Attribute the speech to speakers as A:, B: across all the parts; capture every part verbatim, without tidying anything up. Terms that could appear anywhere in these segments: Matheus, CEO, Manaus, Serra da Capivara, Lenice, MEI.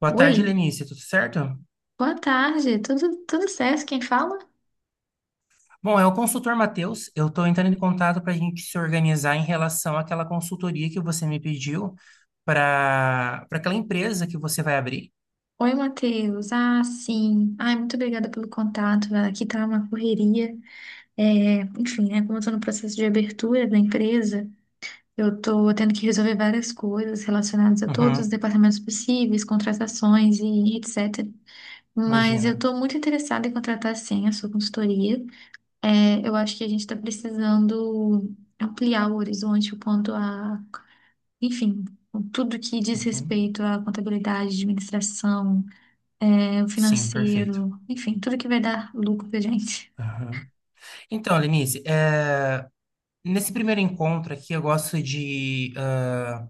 A: Boa
B: Oi,
A: tarde, Lenice. Tudo certo?
B: boa tarde, tudo, tudo certo? Quem fala?
A: Bom, é o consultor Matheus. Eu estou entrando em contato para a gente se organizar em relação àquela consultoria que você me pediu para para aquela empresa que você vai abrir.
B: Oi, Matheus. Ah, sim. Ai, muito obrigada pelo contato. Ah, aqui tá uma correria. É, enfim, né? Como eu tô no processo de abertura da empresa, eu tô tendo que resolver várias coisas relacionadas a todos os
A: Uhum,
B: departamentos possíveis, contratações e etcetera. Mas eu
A: imagina.
B: tô muito interessada em contratar, sim, a sua consultoria. É, eu acho que a gente está precisando ampliar o horizonte quanto a, enfim, com tudo que diz
A: Uhum.
B: respeito à contabilidade, administração, é, o
A: Sim, perfeito.
B: financeiro, enfim, tudo que vai dar lucro pra gente.
A: Uhum. Então, Lenice, é, nesse primeiro encontro aqui, eu gosto de ah,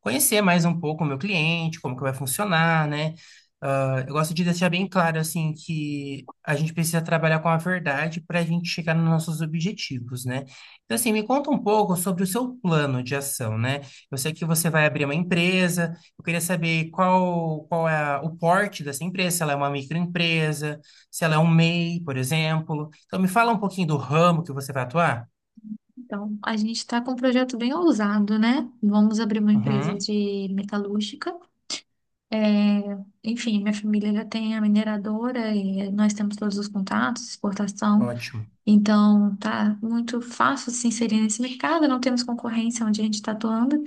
A: conhecer mais um pouco o meu cliente, como que vai funcionar, né? Ah, eu gosto de deixar bem claro, assim, que a gente precisa trabalhar com a verdade para a gente chegar nos nossos objetivos, né? Então, assim, me conta um pouco sobre o seu plano de ação, né? Eu sei que você vai abrir uma empresa, eu queria saber qual, qual é a- o porte dessa empresa, se ela é uma microempresa, se ela é um M E I, por exemplo. Então, me fala um pouquinho do ramo que você vai atuar.
B: Então, a gente está com um projeto bem ousado, né? Vamos abrir uma empresa
A: Uhum.
B: de metalúrgica. É, enfim, minha família já tem a mineradora e nós temos todos os contatos, exportação.
A: Ótimo,
B: Então, tá muito fácil se inserir nesse mercado, não temos concorrência onde a gente está atuando.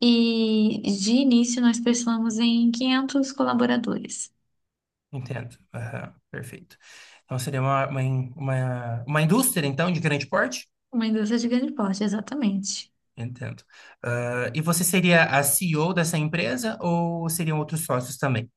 B: E de início nós pensamos em quinhentos colaboradores.
A: entendo. Aham, perfeito. Então seria uma, uma, in- uma, uma indústria, então, de grande porte?
B: Uma indústria de grande porte, exatamente.
A: Entendo. Ah, e você seria a C E O dessa empresa ou seriam outros sócios também?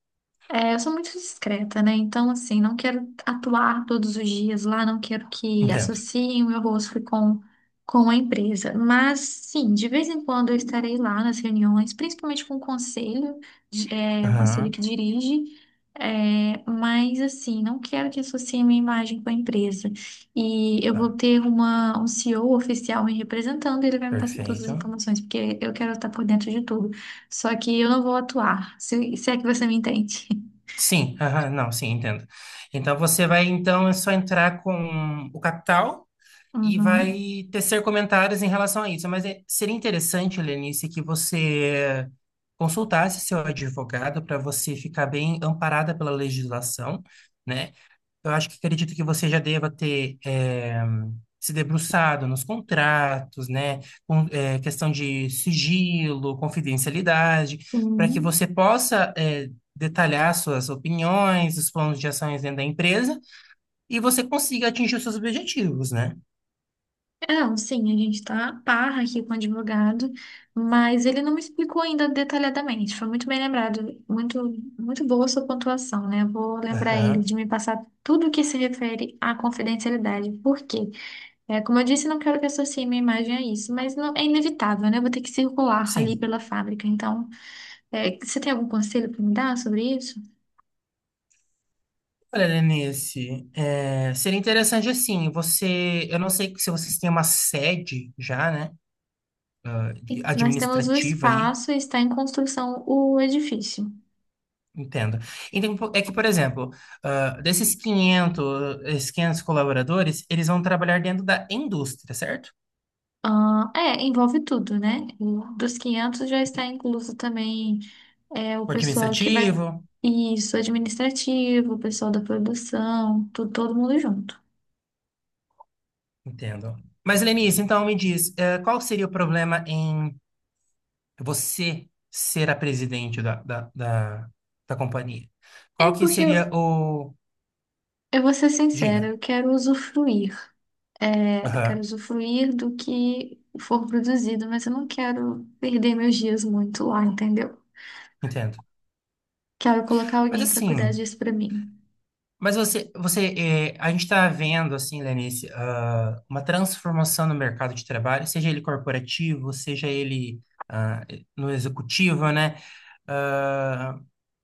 B: É, eu sou muito discreta, né? Então, assim, não quero atuar todos os dias lá, não quero que
A: Entendo.
B: associem o meu rosto com, com a empresa. Mas, sim, de vez em quando eu estarei lá nas reuniões, principalmente com o conselho, de- é, o conselho
A: Aham,
B: que dirige. É, mas, assim, não quero que associem minha imagem com a empresa. E eu vou
A: tá,
B: ter uma, um C E O oficial me representando, ele vai me passar todas as
A: perfeito.
B: informações, porque eu quero estar por dentro de tudo. Só que eu não vou atuar, se, se é que você me entende.
A: Sim, aham, não, sim, entendo. Então você vai, então, é só entrar com o capital e
B: Uhum.
A: vai tecer comentários em relação a isso. Mas é- seria interessante, Lenice, que você consultasse seu advogado para você ficar bem amparada pela legislação, né? Eu acho que acredito que você já deva ter eh, se debruçado nos contratos, né? Com, eh, questão de sigilo, confidencialidade, para que
B: Uhum.
A: você possa eh, detalhar suas opiniões, os planos de ações dentro da empresa e você consiga atingir os seus objetivos, né?
B: É, não, sim, a gente tá parra aqui com o advogado, mas ele não me explicou ainda detalhadamente. Foi muito bem lembrado, muito, muito boa a sua pontuação, né? Vou lembrar ele
A: Aham.
B: de me passar tudo que se refere à confidencialidade. Por quê? É, como eu disse, não quero que associe minha imagem a isso, mas não, é inevitável, né? Eu vou ter que circular ali
A: Sim.
B: pela fábrica. Então, é, você tem algum conselho para me dar sobre isso?
A: Olha, Lenice, é, seria interessante assim, você, eu não sei se vocês têm uma sede já, né, ah,
B: E
A: de-
B: nós temos o
A: administrativa aí,
B: espaço e está em construção o edifício.
A: entendo. Então, po- é que, por exemplo, ah, desses quinhentos esses quinhentos colaboradores, eles vão trabalhar dentro da indústria, certo?
B: Ah, é, envolve tudo, né? O- Dos quinhentos já está
A: Entendi.
B: incluso também é, o
A: O
B: pessoal que vai.
A: administrativo,
B: Isso, administrativo, o pessoal da produção, tu- todo mundo junto.
A: entendo. Mas, Lenice, então me diz, eh, qual seria o problema em você ser a presidente da, da, da da companhia?
B: É
A: Qual que
B: porque eu,
A: seria o...
B: Eu vou ser sincera,
A: Diga.
B: eu quero usufruir. É, eu quero
A: Aham,
B: usufruir do que for produzido, mas eu não quero perder meus dias muito lá, entendeu?
A: entendo.
B: Quero colocar
A: Mas
B: alguém para cuidar
A: assim,
B: disso para mim.
A: mas você, você eh, a gente está vendo, assim, Lenice, ah, uma transformação no mercado de trabalho, seja ele corporativo, seja ele ah, no executivo, né? Ah,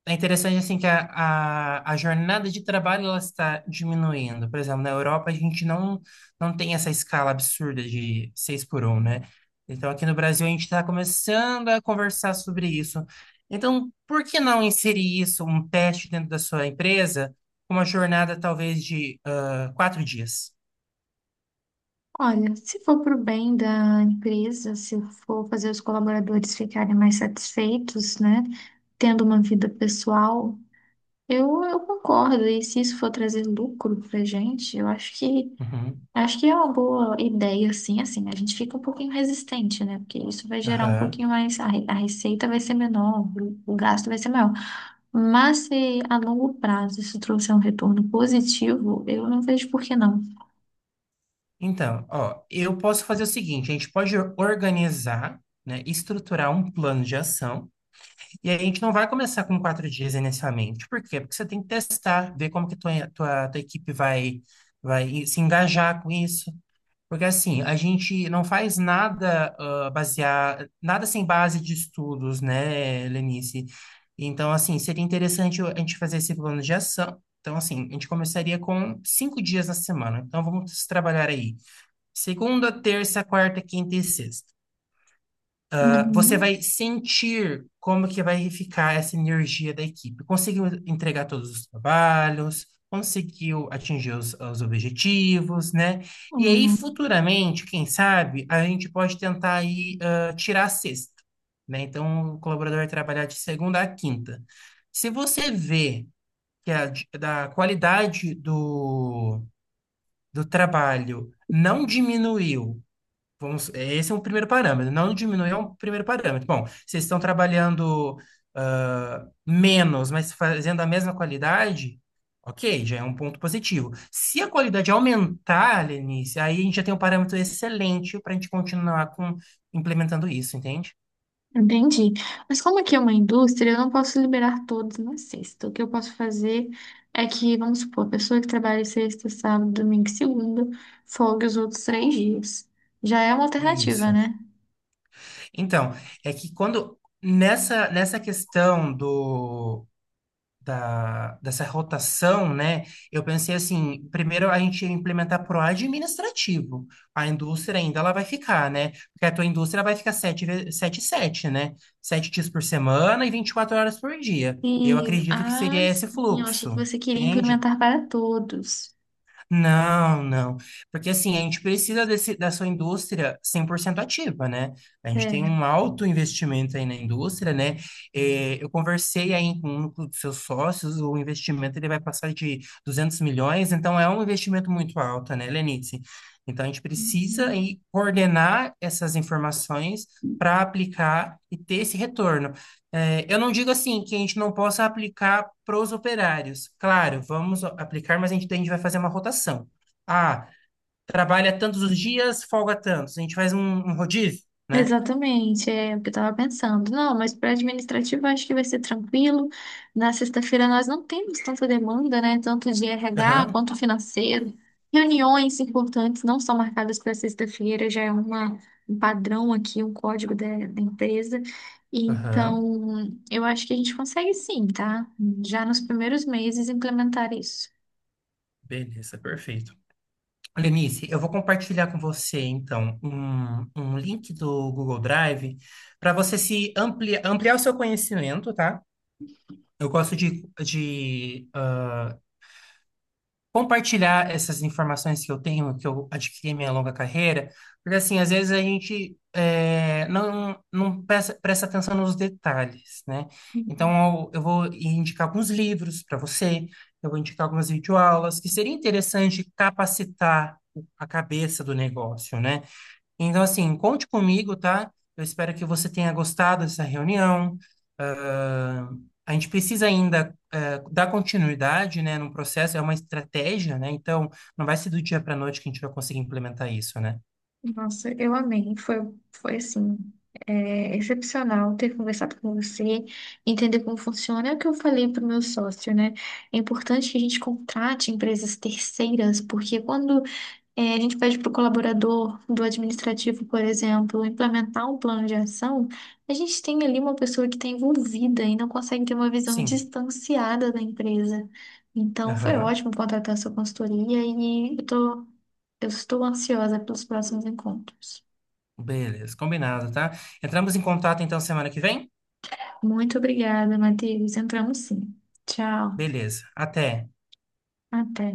A: É interessante, assim, que a, a, a jornada de trabalho ela está diminuindo. Por exemplo, na Europa a gente não, não tem essa escala absurda de seis por um, né? Então, aqui no Brasil a gente está começando a conversar sobre isso. Então, por que não inserir isso, um teste dentro da sua empresa? Uma jornada talvez de ah, quatro dias.
B: Olha, se for para o bem da empresa, se for fazer os colaboradores ficarem mais satisfeitos, né, tendo uma vida pessoal, eu, eu concordo. E se isso for trazer lucro para gente, eu acho que
A: Uhum.
B: acho que é uma boa ideia, assim, assim. A gente fica um pouquinho resistente, né, porque isso vai gerar um
A: Aham.
B: pouquinho mais a, re- a receita vai ser menor, o, o gasto vai ser maior. Mas se a longo prazo isso trouxer um retorno positivo, eu não vejo por que não.
A: Então, ó, eu posso fazer o seguinte: a gente pode organizar, né, estruturar um plano de ação, e aí a gente não vai começar com quatro dias inicialmente. Por quê? Porque você tem que testar, ver como que tua, tua, tua equipe vai, vai se engajar com isso. Porque assim, a gente não faz nada ah, basear, nada sem base de estudos, né, Lenice? Então, assim, seria interessante a gente fazer esse plano de ação. Então, assim, a gente começaria com cinco dias na semana. Então, vamos trabalhar aí. Segunda, terça, quarta, quinta e sexta. Você
B: Uhum,
A: vai sentir como que vai ficar essa energia da equipe. Conseguiu entregar todos os trabalhos, conseguiu atingir os, os objetivos, né? E aí,
B: uhum.
A: futuramente, quem sabe, a gente pode tentar aí, ah, tirar a sexta, né? Então, o colaborador vai trabalhar de segunda a quinta. Se você vê que a d- da qualidade do, do trabalho não diminuiu, vamos, é, esse é um primeiro parâmetro. Não diminuir é um primeiro parâmetro. Bom, vocês estão trabalhando ah, menos, mas fazendo a mesma qualidade, ok, já é um ponto positivo. Se a qualidade aumentar, Lenice, aí a gente já tem um parâmetro excelente para a gente continuar com, implementando isso, entende?
B: Entendi. Mas como aqui é uma indústria, eu não posso liberar todos na sexta. O que eu posso fazer é que, vamos supor, a pessoa que trabalha sexta, sábado, domingo e segunda, folgue os outros três dias. Já é uma alternativa,
A: Isso.
B: né?
A: Então, é que quando nessa, nessa questão do da, dessa rotação, né? Eu pensei assim, primeiro a gente ia implementar pro administrativo. A indústria ainda ela vai ficar, né? Porque a tua indústria vai ficar sete, ve- sete, 7, né? Sete dias por semana e vinte e quatro horas por dia. Eu
B: E,
A: acredito que
B: ah,
A: seria esse
B: sim, eu achei que
A: fluxo,
B: você queria
A: entende?
B: implementar para todos.
A: Não, não. Porque assim, a gente precisa desse, dessa indústria cem por cento ativa, né? A gente tem
B: É.
A: um alto investimento aí na indústria, né? Eh, eu conversei aí com um dos seus sócios, o investimento ele vai passar de duzentos milhões, então é um investimento muito alto, né, Lenice? Então a gente precisa
B: Uhum.
A: aí coordenar essas informações para aplicar e ter esse retorno. É, eu não digo assim que a gente não possa aplicar pros operários. Claro, vamos aplicar, mas a gente, a gente vai fazer uma rotação. Ah, Trabalha tantos os dias, folga tantos. A gente faz um, um rodízio, né?
B: Exatamente, é o que eu estava pensando. Não, mas para administrativo eu acho que vai ser tranquilo. Na sexta-feira nós não temos tanta demanda, né? Tanto de R H
A: Aham,
B: quanto financeiro. Reuniões importantes não são marcadas para sexta-feira, já é uma, um padrão aqui, um código da, da empresa.
A: aham.
B: Então, eu acho que a gente consegue sim, tá? Já nos primeiros meses implementar isso.
A: Beleza, perfeito. Lenice, eu vou compartilhar com você, então, um, um link do Google Drive para você se amplia, ampliar o seu conhecimento, tá? Eu gosto de, de ah, compartilhar essas informações que eu tenho, que eu adquiri em minha longa carreira, porque assim, às vezes a gente é, não, não presta, presta atenção nos detalhes, né? Então, eu, eu vou indicar alguns livros para você, eu vou indicar algumas videoaulas, que seria interessante capacitar o- a cabeça do negócio, né? Então, assim, conte comigo, tá? Eu espero que você tenha gostado dessa reunião. Ah, a gente precisa ainda, eh, dar continuidade, né, no processo, é uma estratégia, né? Então, não vai ser do dia para noite que a gente vai conseguir implementar isso, né?
B: Nossa, eu amei. Foi, foi assim, é, excepcional ter conversado com você, entender como funciona. É o que eu falei para o meu sócio, né? É importante que a gente contrate empresas terceiras, porque quando é, a gente pede para o colaborador do administrativo, por exemplo, implementar um plano de ação, a gente tem ali uma pessoa que está envolvida e não consegue ter uma visão
A: Sim.
B: distanciada da empresa. Então, foi
A: Aham.
B: ótimo contratar sua consultoria e eu tô, eu estou ansiosa pelos próximos encontros.
A: Beleza, combinado, tá? Entramos em contato então semana que vem?
B: Muito obrigada, Matheus. Entramos sim. Tchau.
A: Beleza. Até.
B: Até.